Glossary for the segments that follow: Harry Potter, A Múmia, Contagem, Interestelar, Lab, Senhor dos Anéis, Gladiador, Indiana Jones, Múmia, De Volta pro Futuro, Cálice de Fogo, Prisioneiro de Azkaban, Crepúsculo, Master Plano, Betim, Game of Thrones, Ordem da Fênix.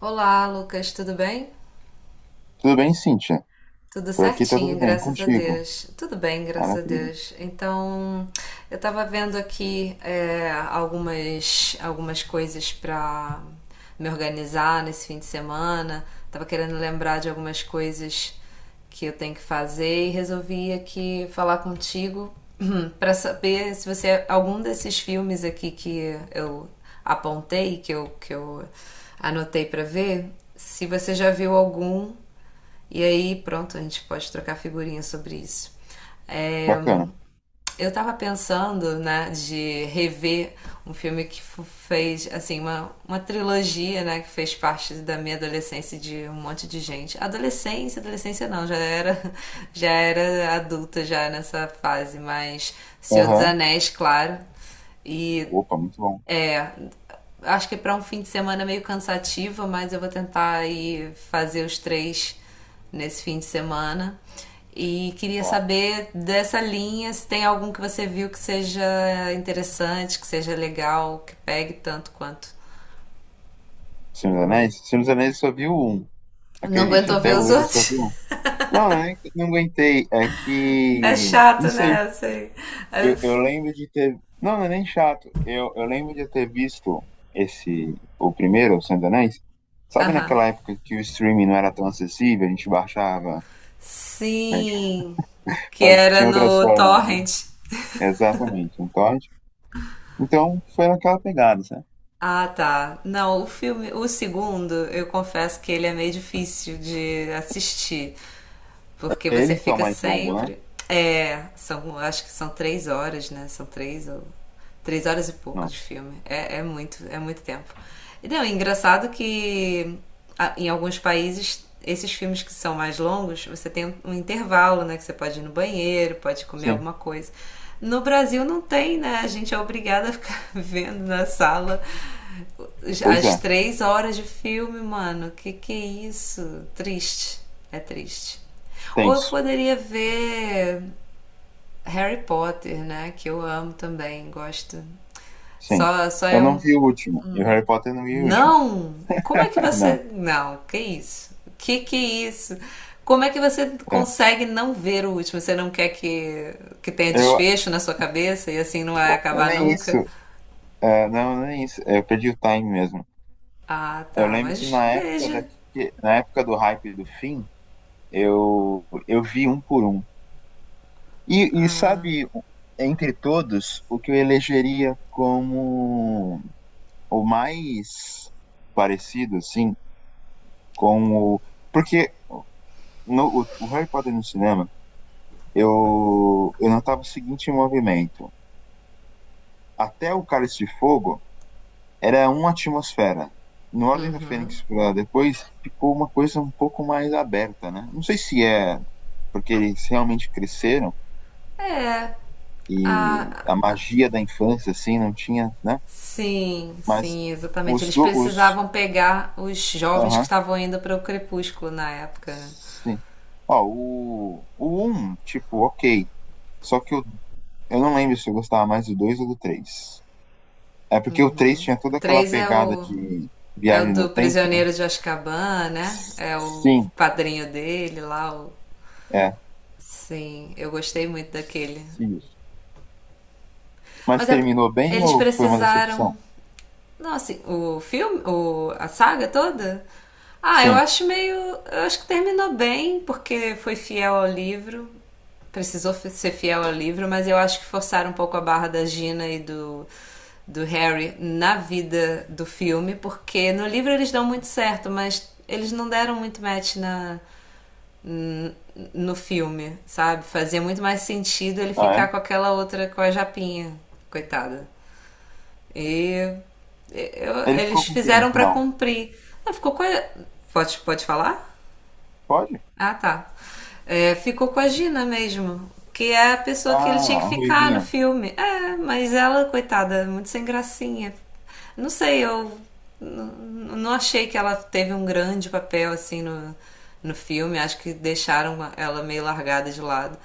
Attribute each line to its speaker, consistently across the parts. Speaker 1: Olá, Lucas, tudo bem?
Speaker 2: Tudo bem, Cíntia?
Speaker 1: Tudo
Speaker 2: Por aqui tá tudo
Speaker 1: certinho,
Speaker 2: bem
Speaker 1: graças a
Speaker 2: contigo.
Speaker 1: Deus. Tudo bem, graças a
Speaker 2: Maravilha.
Speaker 1: Deus. Então, eu tava vendo aqui algumas coisas pra me organizar nesse fim de semana. Tava querendo lembrar de algumas coisas que eu tenho que fazer e resolvi aqui falar contigo pra saber se você algum desses filmes aqui que eu apontei, que eu anotei pra ver, se você já viu algum e aí, pronto, a gente pode trocar figurinha sobre isso. É,
Speaker 2: Bacana.
Speaker 1: eu tava pensando, né, de rever um filme que fez, assim, uma trilogia, né, que fez parte da minha adolescência de um monte de gente. Adolescência, adolescência não, já era, já era adulta já nessa fase, mas Senhor dos
Speaker 2: Aham.
Speaker 1: Anéis, claro, e
Speaker 2: Opa, muito bom.
Speaker 1: é, acho que é para um fim de semana meio cansativo, mas eu vou tentar aí fazer os três nesse fim de semana. E queria
Speaker 2: Ó,
Speaker 1: saber dessa linha, se tem algum que você viu que seja interessante, que seja legal, que pegue tanto quanto.
Speaker 2: Senhor dos Anéis? Senhor dos Anéis só viu um.
Speaker 1: Não
Speaker 2: Acredite,
Speaker 1: aguentou
Speaker 2: até
Speaker 1: ver os
Speaker 2: hoje eu só
Speaker 1: outros?
Speaker 2: vi um. Não, não é não aguentei. É
Speaker 1: É
Speaker 2: que. Não
Speaker 1: chato,
Speaker 2: sei.
Speaker 1: né? Assim. É-
Speaker 2: Eu
Speaker 1: f-
Speaker 2: lembro de ter. Não, não é nem chato. Eu lembro de ter visto esse. O primeiro, o Senhor dos Anéis. Sabe
Speaker 1: Aham.
Speaker 2: naquela época que o streaming não era tão acessível, a gente baixava, né? A gente
Speaker 1: Sim, que era
Speaker 2: tinha outras
Speaker 1: no
Speaker 2: formas.
Speaker 1: Torrent.
Speaker 2: Exatamente. Então, foi naquela pegada, sabe?
Speaker 1: Ah, tá. Não, o filme, o segundo, eu confesso que ele é meio difícil de assistir. Porque você
Speaker 2: Ele que é o
Speaker 1: fica
Speaker 2: mais longo, né?
Speaker 1: sempre. É, são, acho que são 3 horas, né? São três ou. Três horas e pouco de
Speaker 2: Nossa.
Speaker 1: filme. É, é muito tempo. E não, é engraçado que em alguns países, esses filmes que são mais longos, você tem um intervalo, né? Que você pode ir no banheiro, pode comer
Speaker 2: Sim.
Speaker 1: alguma coisa. No Brasil não tem, né? A gente é obrigada a ficar vendo na sala
Speaker 2: Pois
Speaker 1: as
Speaker 2: é.
Speaker 1: três horas de filme, mano. Que é isso? Triste. É triste. Ou eu
Speaker 2: Tenso.
Speaker 1: poderia ver Harry Potter, né? Que eu amo também, gosto.
Speaker 2: Sim.
Speaker 1: Só
Speaker 2: Eu
Speaker 1: é
Speaker 2: não
Speaker 1: um.
Speaker 2: vi o último. E o Harry Potter não vi o último.
Speaker 1: Não! Como é que
Speaker 2: Não.
Speaker 1: você. Não, que isso? Que é isso? Como é que você
Speaker 2: É.
Speaker 1: consegue não ver o último? Você não quer que tenha
Speaker 2: Eu.
Speaker 1: desfecho na sua cabeça e assim não vai
Speaker 2: Nem
Speaker 1: acabar
Speaker 2: isso.
Speaker 1: nunca?
Speaker 2: É, não, nem isso. Eu perdi o time mesmo.
Speaker 1: Ah,
Speaker 2: Eu
Speaker 1: tá,
Speaker 2: lembro que
Speaker 1: mas veja.
Speaker 2: na época do hype do fim, eu vi um por um. E sabe, entre todos, o que eu elegeria como o mais parecido, assim, com o. Porque no, o Harry Potter no cinema. Eu notava o seguinte movimento. Até o Cálice de Fogo era uma atmosfera. No Ordem da Fênix pra depois ficou uma coisa um pouco mais aberta, né? Não sei se é porque eles realmente cresceram
Speaker 1: É,
Speaker 2: e
Speaker 1: a
Speaker 2: a magia da infância, assim, não tinha, né?
Speaker 1: Sim,
Speaker 2: Mas
Speaker 1: sim, exatamente.
Speaker 2: os...
Speaker 1: Eles
Speaker 2: do- os
Speaker 1: precisavam pegar os jovens que
Speaker 2: aham,
Speaker 1: estavam indo para o Crepúsculo na época, né?
Speaker 2: sim. Ó, o 1, tipo, ok. Só que eu não lembro se eu gostava mais do 2 ou do 3. É porque o 3 tinha
Speaker 1: O
Speaker 2: toda aquela
Speaker 1: 3 é
Speaker 2: pegada
Speaker 1: o,
Speaker 2: de
Speaker 1: é o
Speaker 2: viagem do
Speaker 1: do
Speaker 2: tempo, né?
Speaker 1: Prisioneiro de Azkaban, né? É o
Speaker 2: Sim,
Speaker 1: padrinho dele lá.
Speaker 2: é.
Speaker 1: Sim, eu gostei muito daquele.
Speaker 2: Isso. Mas
Speaker 1: Mas
Speaker 2: terminou bem
Speaker 1: eles
Speaker 2: ou foi uma
Speaker 1: precisaram
Speaker 2: decepção?
Speaker 1: Não, assim, o filme, a saga toda? Ah, eu
Speaker 2: Sim.
Speaker 1: acho meio. Eu acho que terminou bem, porque foi fiel ao livro. Precisou ser fiel ao livro, mas eu acho que forçaram um pouco a barra da Gina e do Harry na vida do filme, porque no livro eles dão muito certo, mas eles não deram muito match n- no filme, sabe? Fazia muito mais sentido ele
Speaker 2: Ah,
Speaker 1: ficar com aquela outra, com a Japinha, coitada. E
Speaker 2: é? Ele ficou
Speaker 1: eles
Speaker 2: com quem no
Speaker 1: fizeram pra
Speaker 2: final?
Speaker 1: cumprir. Ah, ficou com a... Pode falar?
Speaker 2: Pode?
Speaker 1: Ah, tá. É, ficou com a Gina mesmo, que é a pessoa que ele tinha
Speaker 2: Ah,
Speaker 1: que
Speaker 2: a
Speaker 1: ficar no
Speaker 2: Ruivinha.
Speaker 1: filme. É, mas ela, coitada, muito sem gracinha. Não sei, eu n- não achei que ela teve um grande papel assim no filme. Acho que deixaram ela meio largada de lado.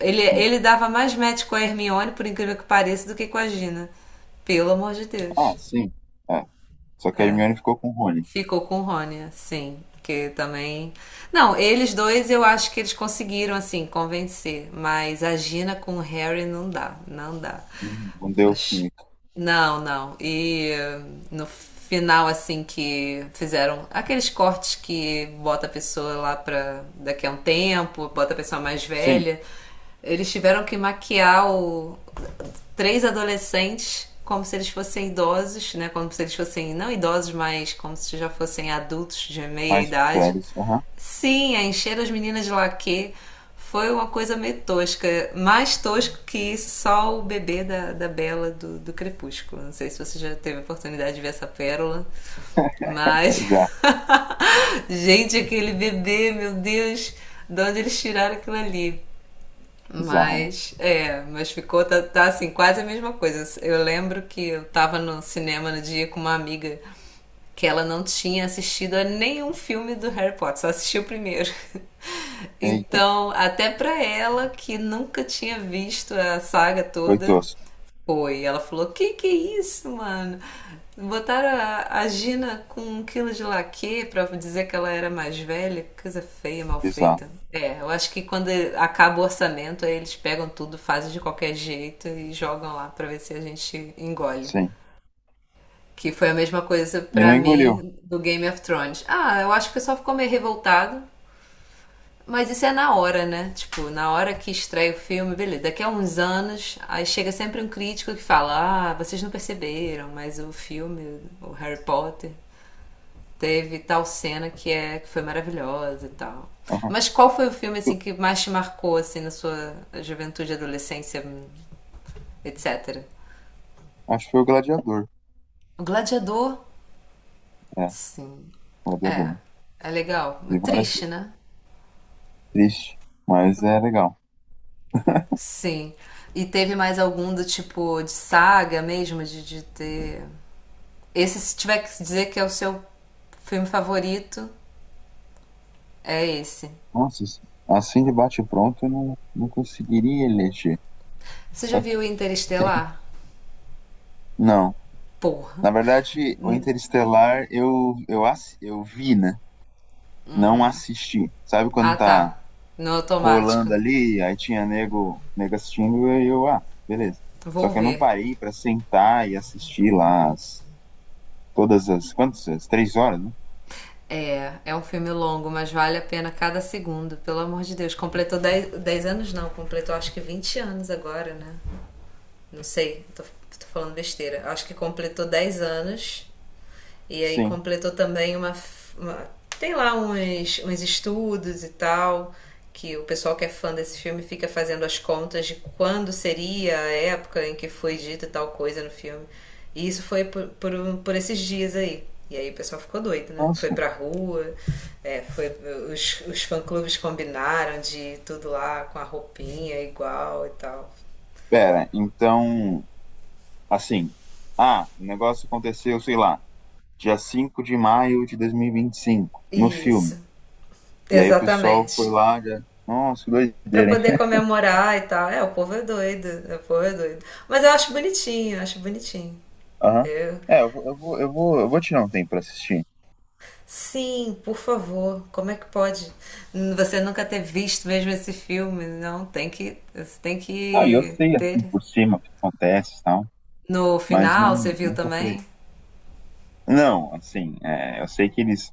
Speaker 1: Ele,
Speaker 2: Sim.
Speaker 1: ele dava mais match com a Hermione, por incrível que pareça, do que com a Gina. Pelo amor de
Speaker 2: Ah,
Speaker 1: Deus.
Speaker 2: sim. É. Só que a Hermione ficou com o Rony.
Speaker 1: Ficou com o Rony, sim. Que também. Não, eles dois eu acho que eles conseguiram, assim, convencer. Mas a Gina com o Harry não dá, não dá.
Speaker 2: Não deu
Speaker 1: Mas
Speaker 2: química.
Speaker 1: não, não. E no final, assim, que fizeram aqueles cortes que bota a pessoa lá pra daqui a um tempo, bota a pessoa mais
Speaker 2: Sim.
Speaker 1: velha. Eles tiveram que maquiar três adolescentes como se eles fossem idosos, né? Como se eles fossem, não idosos, mas como se já fossem adultos de meia
Speaker 2: Mais
Speaker 1: idade.
Speaker 2: velhos. Aham.
Speaker 1: Sim, a encher as meninas de laquê foi uma coisa meio tosca. Mais tosco que só o bebê da Bela do Crepúsculo. Não sei se você já teve a oportunidade de ver essa pérola, mas.
Speaker 2: Já.
Speaker 1: Gente, aquele bebê, meu Deus, de onde eles tiraram aquilo ali?
Speaker 2: Bizarro,
Speaker 1: Mas ficou, tá, tá, assim, quase a mesma coisa. Eu lembro que eu tava no cinema no dia com uma amiga que ela não tinha assistido a nenhum filme do Harry Potter, só assistiu o primeiro.
Speaker 2: né? Eita.
Speaker 1: Então, até pra ela que nunca tinha visto a saga
Speaker 2: Foi
Speaker 1: toda,
Speaker 2: tosco.
Speaker 1: foi. Ela falou: que é isso, mano? Botaram a Gina com um quilo de laque pra dizer que ela era mais velha. Que coisa feia, mal
Speaker 2: Bizarro.
Speaker 1: feita. É, eu acho que quando acaba o orçamento, aí eles pegam tudo, fazem de qualquer jeito e jogam lá pra ver se a gente engole.
Speaker 2: Sim.
Speaker 1: Que foi a mesma coisa
Speaker 2: E não
Speaker 1: pra
Speaker 2: engoliu.
Speaker 1: mim do Game of Thrones. Ah, eu acho que o pessoal ficou meio revoltado, mas isso é na hora, né? Tipo, na hora que estreia o filme, beleza. Daqui a uns anos, aí chega sempre um crítico que fala: Ah, vocês não perceberam, mas o filme, o Harry Potter, teve tal cena que foi maravilhosa e tal.
Speaker 2: Aham.
Speaker 1: Mas qual foi o filme assim
Speaker 2: Eu-
Speaker 1: que mais te marcou assim na sua juventude, adolescência, etc?
Speaker 2: Acho que foi o Gladiador.
Speaker 1: O Gladiador?
Speaker 2: É,
Speaker 1: Sim.
Speaker 2: Gladiador.
Speaker 1: É.
Speaker 2: Né?
Speaker 1: É legal. É
Speaker 2: Vi várias
Speaker 1: triste,
Speaker 2: vezes.
Speaker 1: né?
Speaker 2: Triste, mas é legal.
Speaker 1: Sim. E teve mais algum do tipo de saga mesmo, de ter Esse, se tiver que dizer que é o seu filme favorito, é esse.
Speaker 2: Nossa, assim de bate-pronto eu não conseguiria eleger.
Speaker 1: Você já
Speaker 2: Só que
Speaker 1: viu
Speaker 2: tem.
Speaker 1: Interestelar?
Speaker 2: Não.
Speaker 1: Porra.
Speaker 2: Na verdade, o Interestelar eu vi, né? Não assisti. Sabe quando
Speaker 1: Ah,
Speaker 2: tá
Speaker 1: tá. No automático.
Speaker 2: rolando ali, aí tinha nego, nego assistindo e eu, ah, beleza. Só
Speaker 1: Vou
Speaker 2: que eu não
Speaker 1: ver.
Speaker 2: parei pra sentar e assistir lá as, todas as, quantas? As 3 horas, né?
Speaker 1: É, é um filme longo, mas vale a pena cada segundo, pelo amor de Deus. Completou 10 10 anos, não, completou acho que 20 anos agora, né? Não sei, tô falando besteira. Acho que completou 10 anos. E aí
Speaker 2: Sim.
Speaker 1: completou também uma- tem lá uns estudos e tal, que o pessoal que é fã desse filme fica fazendo as contas de quando seria a época em que foi dita tal coisa no filme. E isso foi por esses dias aí. E aí o pessoal ficou doido, né? Foi
Speaker 2: Nossa.
Speaker 1: pra rua, é, foi, os fã-clubes combinaram de ir tudo lá com a roupinha igual e tal.
Speaker 2: Pera, então, assim, ah, o negócio aconteceu, sei lá, dia 5 de maio de dois mil e vinte e cinco no filme.
Speaker 1: Isso,
Speaker 2: E aí o pessoal foi
Speaker 1: exatamente.
Speaker 2: lá, já... Nossa, que
Speaker 1: Pra
Speaker 2: doideira, hein?
Speaker 1: poder comemorar e tal. É, o povo é doido, é, o povo é doido. Mas eu acho bonitinho, eu acho bonitinho.
Speaker 2: Aham.
Speaker 1: Eu...
Speaker 2: É, eu vou tirar um tempo pra assistir.
Speaker 1: Sim, por favor, como é que pode você nunca ter visto mesmo esse filme? Não, tem que, você tem
Speaker 2: Não, e eu
Speaker 1: que
Speaker 2: sei,
Speaker 1: ter.
Speaker 2: assim, por cima o que acontece e tal,
Speaker 1: No
Speaker 2: mas
Speaker 1: final,
Speaker 2: não,
Speaker 1: você viu
Speaker 2: nunca falei.
Speaker 1: também?
Speaker 2: Não, assim, é, eu sei que eles,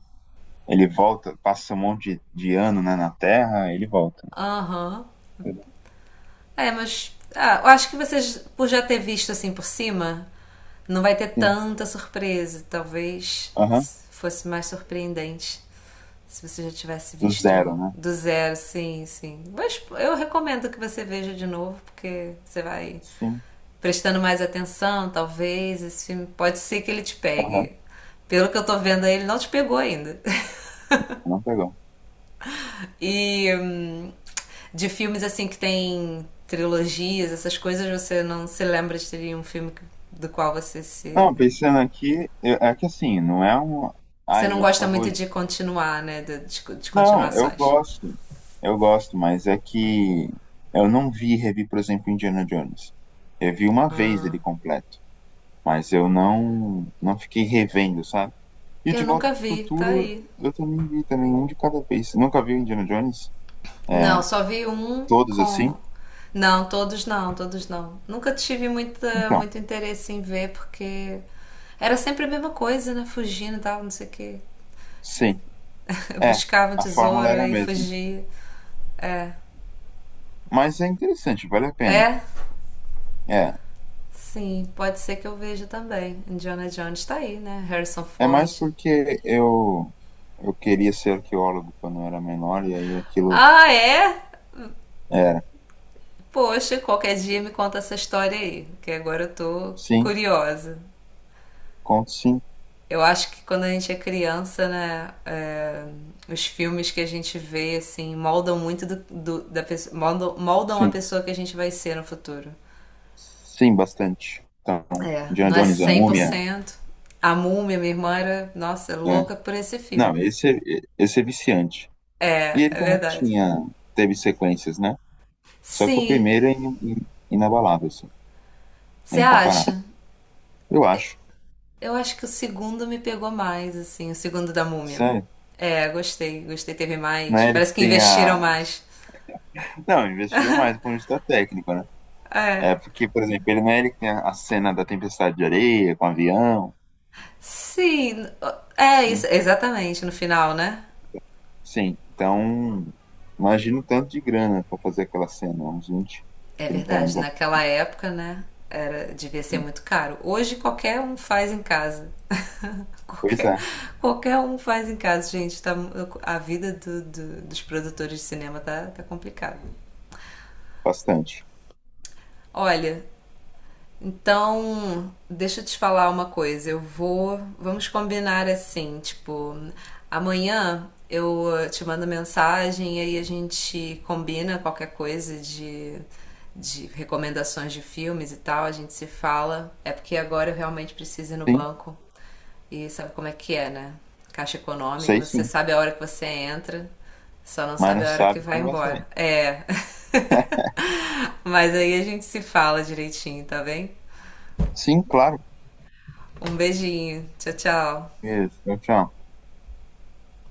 Speaker 2: ele volta, passa um monte de ano, né, na Terra, ele volta.
Speaker 1: Aham.
Speaker 2: Entendeu?
Speaker 1: É, mas ah, eu acho que vocês, por já ter visto assim por cima, não vai ter
Speaker 2: Sim,
Speaker 1: tanta surpresa. Talvez
Speaker 2: aham,
Speaker 1: fosse mais surpreendente se você já tivesse
Speaker 2: do zero,
Speaker 1: visto
Speaker 2: né?
Speaker 1: do zero, sim, sim. Mas eu recomendo que você veja de novo, porque você vai
Speaker 2: Sim,
Speaker 1: prestando mais atenção, talvez. Esse filme pode ser que ele te
Speaker 2: aham,
Speaker 1: pegue. Pelo que eu tô vendo aí, ele não te pegou ainda.
Speaker 2: não pegou.
Speaker 1: E de filmes assim que tem trilogias, essas coisas, você não se lembra de ter um filme do qual você se.
Speaker 2: Não, pensando aqui, é que assim, não é um,
Speaker 1: Você
Speaker 2: ai,
Speaker 1: não
Speaker 2: meu
Speaker 1: gosta muito
Speaker 2: favorito.
Speaker 1: de continuar, né? De
Speaker 2: Não, eu
Speaker 1: continuações.
Speaker 2: gosto. Eu gosto, mas é que eu não vi e revi, por exemplo, Indiana Jones. Eu vi uma vez ele completo, mas eu não não fiquei revendo, sabe? E o
Speaker 1: Eu
Speaker 2: De Volta
Speaker 1: nunca
Speaker 2: pro
Speaker 1: vi, tá
Speaker 2: Futuro
Speaker 1: aí.
Speaker 2: eu também vi também um de cada vez. Nunca vi o Indiana Jones? É,
Speaker 1: Não, só vi um
Speaker 2: todos assim?
Speaker 1: com. Não, todos não, todos não. Nunca tive muita,
Speaker 2: Então,
Speaker 1: muito interesse em ver, porque era sempre a mesma coisa, né? Fugindo e tal, não sei o quê.
Speaker 2: sim. É,
Speaker 1: Buscava um
Speaker 2: a fórmula
Speaker 1: tesouro
Speaker 2: era a
Speaker 1: e
Speaker 2: mesma.
Speaker 1: fugia. É.
Speaker 2: Mas é interessante, vale a pena.
Speaker 1: É,
Speaker 2: É,
Speaker 1: sim, pode ser que eu veja também. Indiana Jones tá aí, né? Harrison
Speaker 2: é mais
Speaker 1: Ford.
Speaker 2: porque eu queria ser arqueólogo quando eu era menor e aí aquilo
Speaker 1: Ah, é?
Speaker 2: era.
Speaker 1: Poxa, qualquer dia me conta essa história aí, que agora eu tô
Speaker 2: Sim.
Speaker 1: curiosa.
Speaker 2: Conto sim,
Speaker 1: Eu acho que quando a gente é criança, né, os filmes que a gente vê, assim, moldam muito da pessoa, moldam, moldam a
Speaker 2: sim.
Speaker 1: pessoa que a gente vai ser no futuro.
Speaker 2: Sim, bastante. Então,
Speaker 1: É,
Speaker 2: John
Speaker 1: não é
Speaker 2: Jones, a
Speaker 1: cem por
Speaker 2: Múmia.
Speaker 1: cento A Múmia, minha irmã, era, nossa,
Speaker 2: É.
Speaker 1: louca por esse
Speaker 2: Não,
Speaker 1: filme.
Speaker 2: esse é viciante. E
Speaker 1: É,
Speaker 2: ele
Speaker 1: é
Speaker 2: também
Speaker 1: verdade.
Speaker 2: teve sequências, né? Só que o
Speaker 1: Sim,
Speaker 2: primeiro é inabalável, assim. É
Speaker 1: você
Speaker 2: incomparável.
Speaker 1: acha?
Speaker 2: Eu acho.
Speaker 1: Eu acho que o segundo me pegou mais, assim, o segundo da Múmia.
Speaker 2: Sério.
Speaker 1: É, gostei, gostei, teve
Speaker 2: Não
Speaker 1: mais.
Speaker 2: é ele que
Speaker 1: Parece que
Speaker 2: tem a.
Speaker 1: investiram mais.
Speaker 2: Não, investiram mais com isso da técnica, né?
Speaker 1: É.
Speaker 2: É porque, por exemplo, ele não é ele que tem a cena da tempestade de areia com o avião.
Speaker 1: Sim, é isso,
Speaker 2: Hein?
Speaker 1: exatamente, no final, né?
Speaker 2: Sim, então imagina o tanto de grana pra fazer aquela cena, uns vinte
Speaker 1: É
Speaker 2: trinta
Speaker 1: verdade,
Speaker 2: anos atrás.
Speaker 1: naquela época, né? Era, devia ser muito caro. Hoje qualquer um faz em casa.
Speaker 2: Pois
Speaker 1: Qualquer,
Speaker 2: é,
Speaker 1: qualquer um faz em casa, gente. Tá, a vida dos produtores de cinema tá complicada.
Speaker 2: bastante.
Speaker 1: Olha, Então, deixa eu te falar uma coisa. Eu vou. Vamos combinar assim, tipo, amanhã eu te mando mensagem e aí a gente combina qualquer coisa de recomendações de filmes e tal. A gente se fala. É porque agora eu realmente preciso ir no
Speaker 2: Sim,
Speaker 1: banco. E sabe como é que é, né? Caixa econômica,
Speaker 2: sei
Speaker 1: você
Speaker 2: sim,
Speaker 1: sabe a hora que você entra, só não
Speaker 2: mas não
Speaker 1: sabe a hora que
Speaker 2: sabe
Speaker 1: vai
Speaker 2: quando vai
Speaker 1: embora.
Speaker 2: sair.
Speaker 1: É. Mas aí a gente se fala direitinho, tá bem?
Speaker 2: Sim, claro.
Speaker 1: Um beijinho. Tchau, tchau.
Speaker 2: Isso, tchau. Tchau.